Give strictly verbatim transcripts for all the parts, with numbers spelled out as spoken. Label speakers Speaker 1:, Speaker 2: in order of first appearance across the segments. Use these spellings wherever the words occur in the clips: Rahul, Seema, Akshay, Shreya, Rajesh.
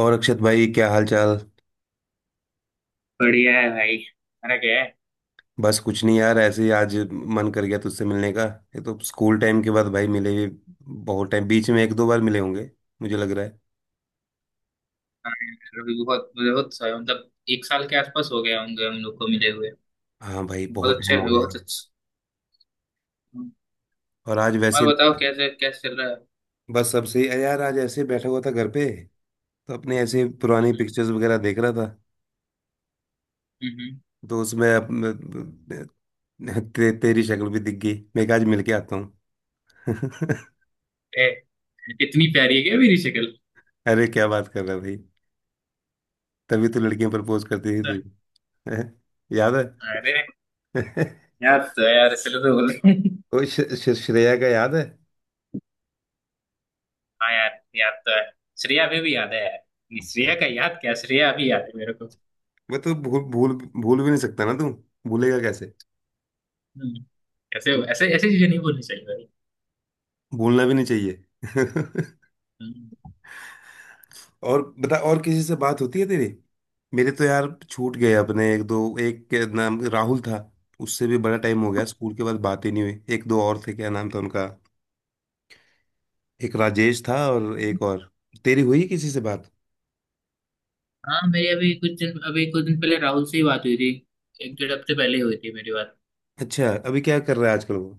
Speaker 1: और अक्षत भाई क्या हाल चाल।
Speaker 2: बढ़िया है भाई। मेरा क्या है।
Speaker 1: बस कुछ नहीं यार, ऐसे ही आज मन कर गया तुझसे मिलने का। ये तो स्कूल टाइम के बाद भाई मिले भी, बहुत टाइम बीच में एक दो बार मिले होंगे मुझे लग रहा है।
Speaker 2: हाँ, अभी बहुत बहुत सा- मतलब एक साल के आसपास हो गया होंगे हम लोग को मिले हुए।
Speaker 1: हाँ भाई बहुत
Speaker 2: बहुत अच्छे
Speaker 1: टाइम
Speaker 2: हैं,
Speaker 1: हो गया यार।
Speaker 2: बहुत अच्छे।
Speaker 1: और आज
Speaker 2: और
Speaker 1: वैसे
Speaker 2: बताओ,
Speaker 1: भी
Speaker 2: कैसे कैसे चल रहा है।
Speaker 1: बस सबसे यार, आज ऐसे ही बैठा हुआ था घर पे, तो अपने ऐसे पुरानी
Speaker 2: हम्म।
Speaker 1: पिक्चर्स वगैरह देख रहा था।
Speaker 2: हम्म।
Speaker 1: तो उसमें अप- ते, तेरी शक्ल भी दिख गई, मैं कहा आज मिलके आता हूँ।
Speaker 2: ए, इतनी प्यारी है क्या मेरी शक्ल?
Speaker 1: अरे क्या बात कर रहा है भाई, तभी तो लड़कियां प्रपोज करती
Speaker 2: अच्छा।
Speaker 1: थी तुझे। याद
Speaker 2: अरे
Speaker 1: है?
Speaker 2: याद तो है यार, इसलिए तो बोल रहा हूँ।
Speaker 1: वो श, श, श्रेया का याद है।
Speaker 2: हाँ यार, याद तो है। श्रेया अभी भी याद है यार। नहीं, श्रेया का याद क्या, श्रेया अभी याद है मेरे को।
Speaker 1: मैं तो भूल भूल भूल भी नहीं सकता, ना तू भूलेगा कैसे।
Speaker 2: हम्म, ऐसे ऐसे ऐसी चीजें नहीं बोलनी चाहिए भाई।
Speaker 1: भूलना भी नहीं चाहिए।
Speaker 2: हम्म।
Speaker 1: और बता, और किसी से बात होती है तेरी? मेरे तो यार छूट गए अपने, एक दो, एक के नाम राहुल था, उससे भी बड़ा टाइम हो गया, स्कूल के बाद बात ही नहीं हुई। एक दो और थे, क्या नाम था उनका, एक राजेश था और एक और। तेरी हुई किसी से बात?
Speaker 2: हाँ मेरी अभी कुछ दिन अभी कुछ दिन पहले राहुल से ही बात हुई थी। एक डेढ़ हफ्ते पहले ही हुई थी मेरी बात।
Speaker 1: अच्छा, अभी क्या कर रहा है आजकल वो?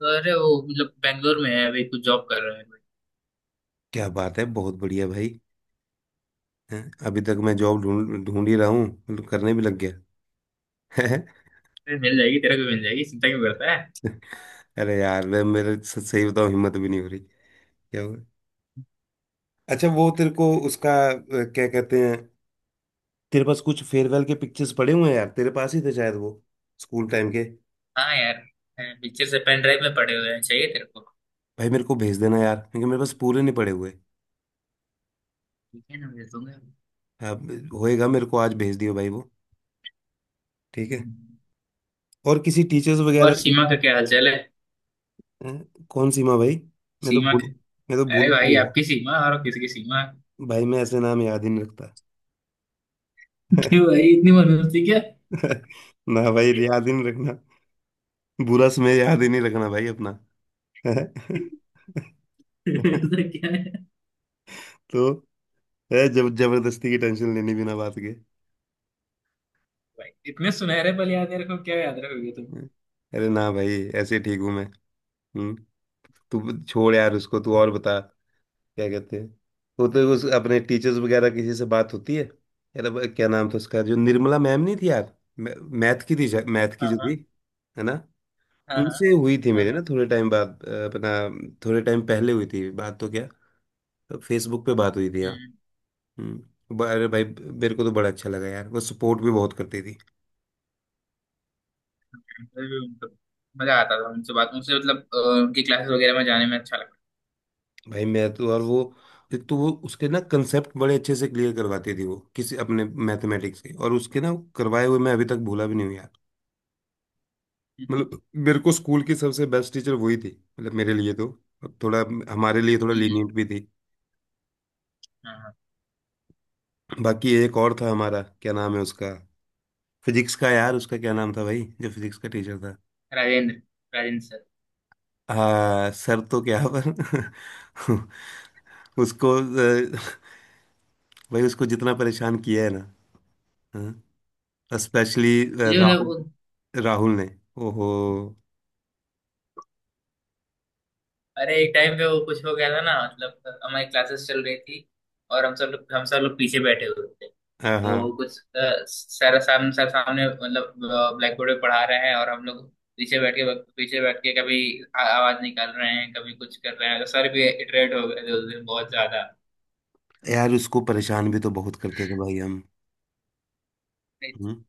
Speaker 2: तो अरे वो मतलब बैंगलोर में है, अभी कुछ जॉब कर रहा है।
Speaker 1: क्या बात है, बहुत बढ़िया भाई। हैं? अभी तक मैं जॉब ढूंढ ढूंढ ही रहा हूँ, मतलब करने भी लग गया।
Speaker 2: अरे मिल जाएगी तेरे को, मिल जाएगी, चिंता क्यों करता है।
Speaker 1: अरे यार मैं, मेरे स- सही बताऊं हिम्मत भी नहीं हो रही। क्या हुआ? अच्छा, वो तेरे को उसका अ, क्या कहते हैं, तेरे पास कुछ फेयरवेल के पिक्चर्स पड़े हुए हैं यार, तेरे पास ही थे शायद वो स्कूल टाइम के।
Speaker 2: हाँ यार, पिक्चर से पेन ड्राइव में पड़े हुए हैं, चाहिए तेरे को?
Speaker 1: भाई मेरे को भेज देना यार, क्योंकि मेरे पास पूरे नहीं पड़े हुए।
Speaker 2: ठीक है ना, भेज दूंगा।
Speaker 1: अब होएगा मेरे को आज भेज दियो भाई वो। ठीक है।
Speaker 2: हम्म,
Speaker 1: और किसी टीचर्स
Speaker 2: और
Speaker 1: वगैरह से।
Speaker 2: सीमा का क्या हालचाल है?
Speaker 1: अ, कौन सी माँ भाई, मैं तो
Speaker 2: सीमा
Speaker 1: भूल,
Speaker 2: का।
Speaker 1: मैं तो
Speaker 2: अरे
Speaker 1: भूल भी
Speaker 2: भाई,
Speaker 1: गया हूँ।
Speaker 2: आपकी सीमा और किसकी सीमा?
Speaker 1: भाई मैं ऐसे नाम याद ही नहीं रखता।
Speaker 2: क्यों भाई, इतनी मनोस्ती क्या?
Speaker 1: ना भाई, याद ही नहीं रखना, बुरा समय याद ही नहीं रखना भाई अपना।
Speaker 2: ऐसा क्या है?
Speaker 1: तो है, जब जबरदस्ती की टेंशन लेनी बिना बात के।
Speaker 2: भाई इतने सुनहरे पल याद है रखो, क्या याद रखोगे तुम।
Speaker 1: हम्म। अरे ना भाई, ऐसे ठीक हूँ मैं। हम्म। तू छोड़ यार उसको, तू और बता। क्या कहते हैं, तो तो उस, अपने टीचर्स वगैरह किसी से बात होती है? यार अब क्या नाम था उसका, जो निर्मला मैम नहीं थी यार, मैथ की थी, मैथ की
Speaker 2: हाँ
Speaker 1: जो थी,
Speaker 2: हाँ।
Speaker 1: है ना।
Speaker 2: हाँ हाँ।
Speaker 1: उनसे हुई थी मेरे
Speaker 2: हाँ।
Speaker 1: ना थोड़े टाइम बाद, अ, अपना थोड़े टाइम पहले हुई थी बात तो, क्या फेसबुक पे बात हुई थी, हाँ।
Speaker 2: हम्म।
Speaker 1: हम्म, ब- अरे भाई मेरे को तो बड़ा अच्छा लगा यार, वो सपोर्ट भी बहुत करती थी।
Speaker 2: इंटरव्यू मतलब। मजा आता था उनसे बात, उनसे मतलब अ, उनकी क्लासेस वगैरह में जाने में अच्छा लगता।
Speaker 1: भाई मैं तो, और वो एक तो वो उसके ना कंसेप्ट बड़े अच्छे से क्लियर करवाती थी, वो किसी अपने मैथमेटिक्स के, और उसके ना करवाए हुए मैं अभी तक भूला भी नहीं हूँ यार।
Speaker 2: हम्म।
Speaker 1: मतलब मेरे को स्कूल की सबसे बेस्ट टीचर वही थी, मतलब मेरे लिए तो। अब थोड़ा हमारे लिए थोड़ा
Speaker 2: हम्म,
Speaker 1: लीनियंट भी थी।
Speaker 2: हाँ हाँ।
Speaker 1: बाकी एक और था हमारा, क्या नाम है उसका, फिजिक्स का, यार उसका क्या नाम था भाई जो फिजिक्स का टीचर था।
Speaker 2: राजेंद्र राजेंद्र सर।
Speaker 1: हाँ सर, तो क्या पर। उसको अ, भाई उसको जितना परेशान किया है ना। हाँ। स्पेशली
Speaker 2: मुझे मतलब
Speaker 1: राहुल,
Speaker 2: उन-
Speaker 1: राहुल ने। ओहो।
Speaker 2: अरे एक टाइम पे वो कुछ हो गया था ना, मतलब हमारी क्लासेस चल रही थी। और हम सब लोग हम सब लोग पीछे बैठे हुए थे।
Speaker 1: हाँ हाँ।
Speaker 2: तो कुछ अ, सर सामने सर सामने मतलब ब्लैक बोर्ड पे पढ़ा रहे हैं, और हम लोग पीछे बैठ के पीछे बैठ के कभी आ- आवाज निकाल रहे हैं, कभी कुछ कर रहे हैं, तो सर भी इटरेट हो गए थे उस दिन बहुत ज्यादा।
Speaker 1: यार उसको परेशान भी तो बहुत करते थे भाई हम। हम्म।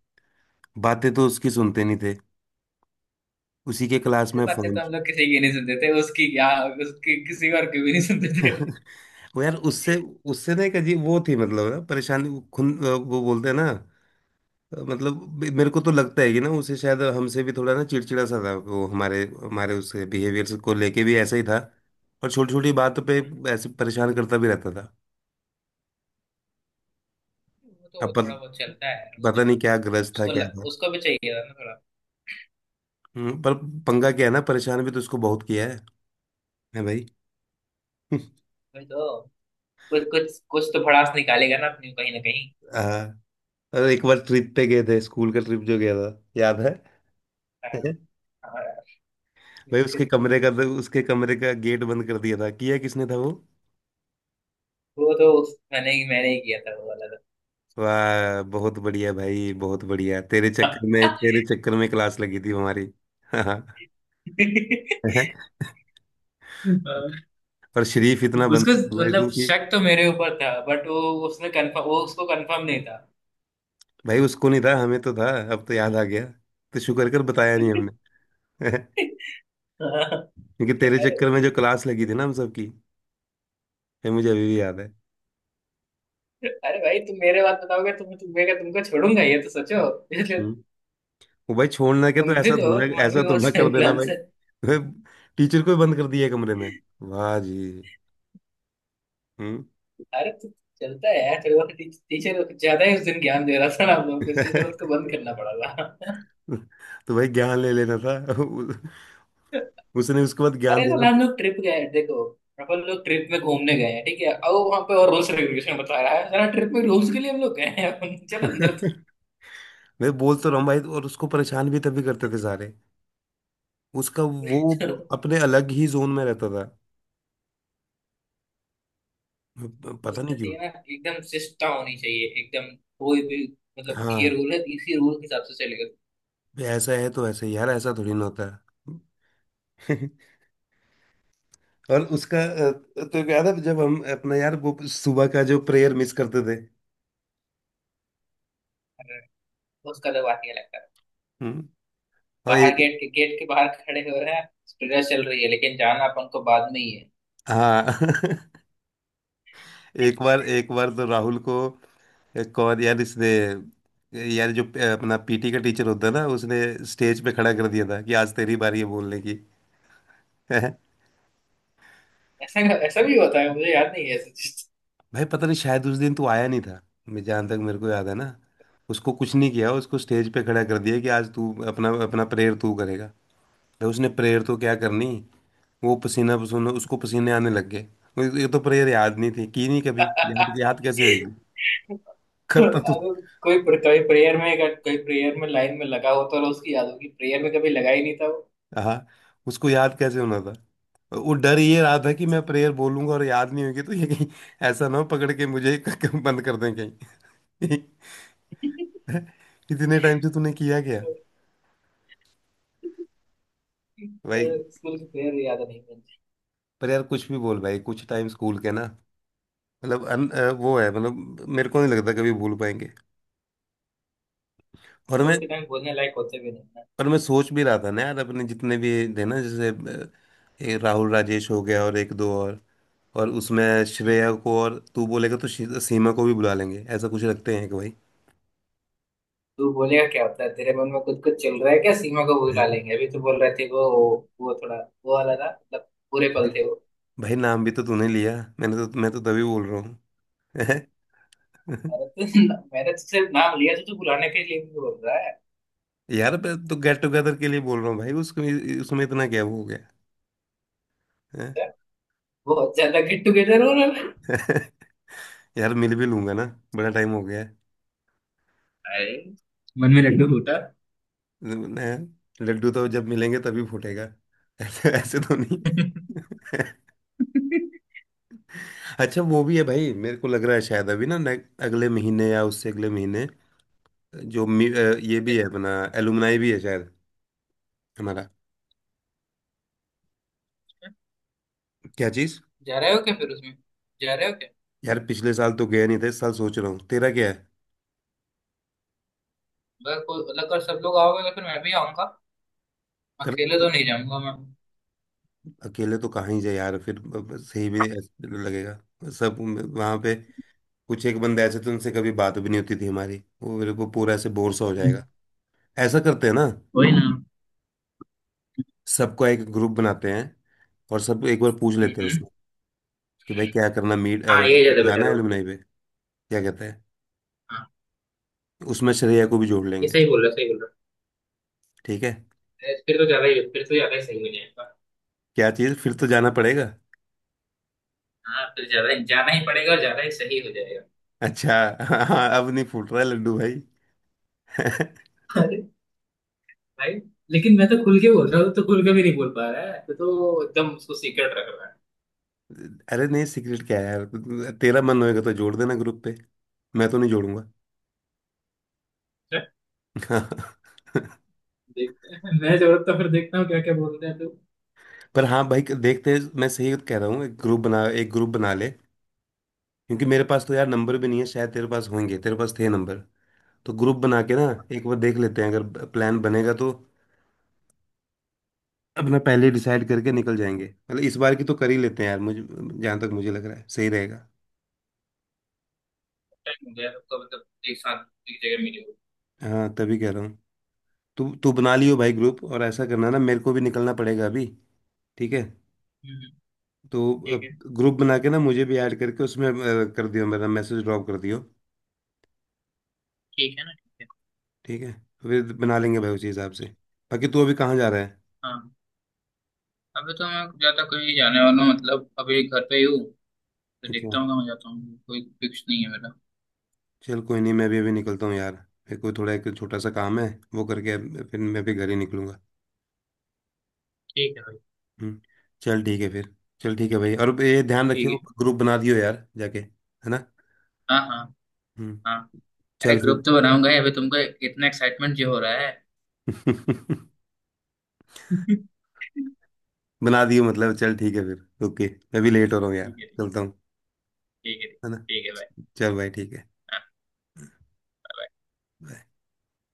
Speaker 1: बातें तो उसकी सुनते नहीं थे, उसी के क्लास
Speaker 2: अरे
Speaker 1: में
Speaker 2: बातें
Speaker 1: फोन।
Speaker 2: तो हम लोग किसी की नहीं सुनते थे, उसकी क्या। उसकी किसी और की भी नहीं सुनते थे।
Speaker 1: वो यार उससे, उससे ना एक अजीब वो थी मतलब ना, परेशानी वो खुन वो बोलते हैं ना। मतलब मे- मेरे को तो लगता है कि ना उसे शायद हमसे भी थोड़ा ना चिड़चिड़ा सा था वो, हमारे हमारे उसके बिहेवियर को लेके भी ऐसा ही था। और छोटी छोटी बातों पे ऐसे परेशान करता भी रहता था।
Speaker 2: वो
Speaker 1: अब
Speaker 2: तो थोड़ा
Speaker 1: पत-
Speaker 2: बहुत चलता है वो
Speaker 1: पता
Speaker 2: तो।
Speaker 1: नहीं क्या ग्रज था
Speaker 2: उसको
Speaker 1: क्या।
Speaker 2: ल, उसको भी चाहिए था ना थोड़ा।
Speaker 1: हम्म, पर पंगा क्या है ना, परेशान भी तो उसको बहुत किया है है भाई।
Speaker 2: वही तो। कुछ कुछ कुछ तो भड़ास निकालेगा ना अपनी, कहीं ना कहीं।
Speaker 1: हाँ। और एक बार ट्रिप पे गए थे, स्कूल का ट्रिप जो गया था, याद है?
Speaker 2: हाँ। हाँ।
Speaker 1: भाई उसके
Speaker 2: कि-
Speaker 1: कमरे का, उसके कमरे का गेट बंद कर दिया था, किया किसने था वो।
Speaker 2: वो तो उस, मैंने ही मैंने ही किया था वो वाला।
Speaker 1: वाह बहुत बढ़िया भाई, बहुत बढ़िया, तेरे चक्कर में, तेरे चक्कर में क्लास लगी थी हमारी। हाँ।
Speaker 2: तो
Speaker 1: पर शरीफ इतना
Speaker 2: उसको
Speaker 1: बंदा था भाई
Speaker 2: मतलब,
Speaker 1: क्योंकि,
Speaker 2: शक तो मेरे ऊपर था बट वो उसने कंफर्म, वो उसको कंफर्म नहीं था।
Speaker 1: भाई उसको नहीं था, हमें तो था, अब तो याद आ गया। तो शुक्र कर बताया नहीं हमने।
Speaker 2: हाँ।
Speaker 1: क्योंकि तेरे
Speaker 2: अरे
Speaker 1: चक्कर में जो
Speaker 2: भाई,
Speaker 1: क्लास लगी थी ना हम सबकी, ये मुझे अभी भी याद है।
Speaker 2: अरे भाई तुम मेरे बात बताओगे तो मैं तुम्हें का तुमको छोड़ूंगा, ये तो सोचो इसलिए
Speaker 1: हम्म। वो भाई छोड़ना क्या,
Speaker 2: तुम
Speaker 1: तो
Speaker 2: भी
Speaker 1: ऐसा
Speaker 2: तो हो,
Speaker 1: थोड़ा,
Speaker 2: तुम्हारे
Speaker 1: ऐसा
Speaker 2: भी बहुत
Speaker 1: थोड़ा कर
Speaker 2: सारे
Speaker 1: देना
Speaker 2: प्लान्स
Speaker 1: भाई।
Speaker 2: है।
Speaker 1: भाई टीचर को ही बंद कर दिया कमरे में, वाह जी। हम्म।
Speaker 2: अरे तो चलता है यार, थोड़ा टीचर ज्यादा ही उस दिन ज्ञान दे रहा था ना हम लोग को, इसलिए थोड़ा उसको बंद करना पड़ा था।
Speaker 1: तो भाई ज्ञान ले लेना था। उसने उसके बाद ज्ञान
Speaker 2: अरे तो
Speaker 1: देना
Speaker 2: हम
Speaker 1: था।
Speaker 2: लोग ट्रिप गए, देखो अपन लोग ट्रिप में घूमने गए हैं, ठीक है, और वहां पे और रूल्स रेगुलेशन बता रहा है सारा, ट्रिप में रूल्स के लिए हम लोग गए हैं? अपन चल अंदर तो।
Speaker 1: मैं बोल तो रहा हूँ भाई, और उसको परेशान भी तभी करते थे सारे उसका। वो
Speaker 2: तो
Speaker 1: अपने अलग ही जोन में रहता था, प- पता नहीं
Speaker 2: उसका
Speaker 1: क्यों।
Speaker 2: चाहिए ना एकदम शिष्टता होनी चाहिए, एकदम कोई भी, मतलब ये
Speaker 1: हाँ।
Speaker 2: रूल है, इसी रूल के हिसाब से चलेगा।
Speaker 1: भाई ऐसा है तो ऐसा ही यार, ऐसा थोड़ी ना होता है। और उसका अ, तो याद है जब हम अपना यार वो सुबह का जो प्रेयर मिस करते थे।
Speaker 2: उसका तो बात ये लगता है,
Speaker 1: हम्म। और
Speaker 2: बाहर
Speaker 1: एक,
Speaker 2: गेट के गेट के बाहर खड़े हो रहे हैं, स्टूडियो चल रही है, लेकिन जाना अपन को बाद में ही है।
Speaker 1: हाँ। एक बार, एक बार तो राहुल को, एक और यार इसने, यार जो अ, अपना पीटी का टीचर होता है ना, उसने स्टेज पे खड़ा कर दिया था कि आज तेरी बारी है बोलने की।
Speaker 2: ऐसा ऐसा भी होता है, मुझे याद नहीं है ऐसा चीज।
Speaker 1: भाई पता नहीं शायद उस दिन तू आया नहीं था। मैं जहाँ तक मेरे को याद है ना, उसको कुछ नहीं किया, उसको स्टेज पे खड़ा कर दिया कि आज तू अपना, अपना प्रेयर तू करेगा। तो उसने प्रेयर तो क्या करनी, वो पसीना पसीना, उसको पसीने आने लग गए। वो- ये तो प्रेयर याद नहीं थी की नहीं कभी, याद याद कैसे होगी, करता तो।
Speaker 2: अगर कोई कोई प्रेयर में अगर कोई प्रेयर में लाइन में लगा होता तो उसकी याद होगी, प्रेयर में कभी लगा ही नहीं था वो।
Speaker 1: हाँ, उसको याद कैसे होना था। वो डर ये रहा था कि
Speaker 2: अच्छा।
Speaker 1: मैं प्रेयर बोलूंगा और याद नहीं होगी तो ये कहीं ऐसा ना हो पकड़ के मुझे बंद कर दें कहीं। इतने टाइम से तूने किया क्या भाई।
Speaker 2: स्कूल की प्रेयर याद नहीं मुझे।
Speaker 1: पर यार कुछ भी बोल भाई, कुछ टाइम स्कूल के ना, मतलब अन, अ, वो है, मतलब मेरे को नहीं लगता कभी भूल पाएंगे। और
Speaker 2: स्कूल
Speaker 1: मैं,
Speaker 2: के टाइम बोलने लायक होते भी नहीं ना।
Speaker 1: पर मैं सोच भी रहा था ना यार, अपने जितने भी थे ना, जैसे अ, ये राहुल राजेश हो गया, और एक दो और और उसमें
Speaker 2: हम्म।
Speaker 1: श्रेया को और तू बोलेगा तो शी- सीमा को भी बुला लेंगे, ऐसा कुछ रखते हैं कि भाई।
Speaker 2: तू बोलेगा क्या होता है, तेरे मन में कुछ कुछ चल रहा है क्या, सीमा को बुला लेंगे, अभी तो बोल रहे थे वो। वो थोड़ा वो वाला था, मतलब बुरे
Speaker 1: भाई,
Speaker 2: पल थे वो।
Speaker 1: भाई नाम भी तो तूने लिया, मैंने तो मैं तो तभी बोल रहा हूँ।
Speaker 2: अरे तो ना- मैंने तो सिर्फ नाम लिया, तो तू बुलाने के लिए भी बोल रहा है।
Speaker 1: यार मैं तो गेट टुगेदर के लिए बोल रहा हूँ भाई, उसमें उसमें इतना क्या वो हो गया। हैं?
Speaker 2: अच्छा, बहुत ज्यादा गेट टुगेदर हो रहा है।
Speaker 1: यार मिल भी लूंगा ना, बड़ा टाइम हो गया है।
Speaker 2: अरे मन में लड्डू फूटा।
Speaker 1: हैं? लड्डू तो जब मिलेंगे तभी फूटेगा। ऐसे ऐसे तो नहीं। अच्छा वो भी है भाई, मेरे को लग रहा है शायद अभी ना ने- अगले महीने या उससे अगले महीने, जो मी, अ, ये भी है अपना, एलुमनाई भी है शायद हमारा। क्या चीज।
Speaker 2: जा रहे हो क्या फिर उसमें? जा रहे हो क्या?
Speaker 1: यार पिछले साल तो गया नहीं था, इस साल सोच रहा हूँ, तेरा क्या है?
Speaker 2: अगर कोई मतलब अगर सब लोग आओगे तो फिर मैं भी आऊंगा,
Speaker 1: कर
Speaker 2: अकेले
Speaker 1: तो,
Speaker 2: तो नहीं जाऊंगा मैं।
Speaker 1: अकेले तो कहाँ ही जाए यार, फिर अब सही भी ऐसे लगेगा। सब वहां पे, कुछ एक बंदे ऐसे थे उनसे कभी बात भी नहीं होती थी हमारी, वो मेरे को पूरा ऐसे बोर सा हो
Speaker 2: हम्म,
Speaker 1: जाएगा। ऐसा करते हैं ना,
Speaker 2: वही ना।
Speaker 1: सबका एक ग्रुप बनाते हैं, और सब एक बार पूछ लेते हैं
Speaker 2: हम्म।
Speaker 1: उसमें कि भाई क्या करना, मीट
Speaker 2: हाँ ये ज्यादा
Speaker 1: जाना
Speaker 2: बेटर
Speaker 1: है
Speaker 2: होगा।
Speaker 1: एलुमनाई पे, क्या कहते हैं।
Speaker 2: हाँ
Speaker 1: उसमें श्रेया को भी जोड़
Speaker 2: ये
Speaker 1: लेंगे।
Speaker 2: सही बोल रहा, सही बोल रहा।
Speaker 1: ठीक है।
Speaker 2: अरे फिर तो ज्यादा ही फिर तो ज्यादा ही सही हो जाएगा।
Speaker 1: क्या चीज, फिर तो जाना पड़ेगा।
Speaker 2: हाँ फिर ज्यादा ही जाना ही पड़ेगा, और ज्यादा ही सही हो जाएगा।
Speaker 1: अच्छा। हाँ, अब नहीं फूट रहा है लड्डू भाई।
Speaker 2: अरे भाई, लेकिन मैं तो खुल के बोल रहा हूँ, तो खुल के भी नहीं बोल पा रहा है तो, तो एकदम उसको सीक्रेट रख रहा है।
Speaker 1: अरे नहीं, सीक्रेट क्या है यार, तेरा मन होएगा तो जोड़ देना ग्रुप पे, मैं तो नहीं जोड़ूंगा।
Speaker 2: अच्छा, देखते हैं मैं, जरूरत तो फिर देखता हूँ क्या क्या बोलते हैं तो।
Speaker 1: पर हाँ भाई, देखते हैं, मैं सही कह रहा हूँ, एक ग्रुप बना, एक ग्रुप बना ले। क्योंकि मेरे पास तो यार नंबर भी नहीं है शायद, तेरे पास होंगे, तेरे पास थे नंबर। तो ग्रुप बना के ना एक बार देख लेते हैं, अगर प्लान बनेगा तो अपना पहले डिसाइड करके निकल जाएंगे। मतलब इस बार की तो कर ही लेते हैं यार, मुझे जहाँ तक मुझे लग रहा है सही रहेगा।
Speaker 2: टाइम हो गया तब तो, मतलब एक साथ एक जगह मिले हो।
Speaker 1: हाँ तभी कह रहा हूँ, तू तू बना लियो भाई ग्रुप, और ऐसा करना ना, मेरे को भी निकलना पड़ेगा अभी। ठीक है।
Speaker 2: हम्म,
Speaker 1: तो
Speaker 2: ठीक
Speaker 1: अब
Speaker 2: है।
Speaker 1: ग्रुप बना के ना मुझे भी ऐड करके उसमें, अ, कर दियो, मेरा मैसेज ड्रॉप कर दियो।
Speaker 2: ठीक है ना, ठीक है।
Speaker 1: ठीक है, फिर बना लेंगे भाई उसी हिसाब से। बाकी तू अभी कहाँ जा रहा है?
Speaker 2: हाँ अभी तो मैं ज्यादा कहीं जाने वाला हूँ, मतलब अभी घर पे ही हूँ। तो
Speaker 1: अच्छा।
Speaker 2: देखता हूँ कहाँ जाता हूँ, कोई फिक्स नहीं है मेरा।
Speaker 1: चल कोई नहीं, मैं भी अभी निकलता हूँ यार, मेरे को थोड़ा एक छोटा सा काम है, वो करके फिर मैं भी घर ही निकलूंगा।
Speaker 2: ठीक है भाई।
Speaker 1: हम्म। चल ठीक है फिर, चल ठीक है भाई, और ये ध्यान
Speaker 2: ठीक
Speaker 1: रखियो
Speaker 2: है।
Speaker 1: ग्रुप बना दियो यार जाके, है ना।
Speaker 2: हाँ हाँ।
Speaker 1: हम्म।
Speaker 2: हाँ। अरे
Speaker 1: चल
Speaker 2: ग्रुप तो बनाऊंगा ही अभी तुमको, इतना एक्साइटमेंट जो हो रहा है।
Speaker 1: फिर।
Speaker 2: ठीक
Speaker 1: बना दियो मतलब, चल ठीक है फिर, ओके, मैं भी लेट हो रहा हूँ यार,
Speaker 2: है।
Speaker 1: चलता हूँ,
Speaker 2: ठीक है,
Speaker 1: है ना,
Speaker 2: ठीक है भाई।
Speaker 1: चल भाई ठीक है।
Speaker 2: हाँ
Speaker 1: Bye.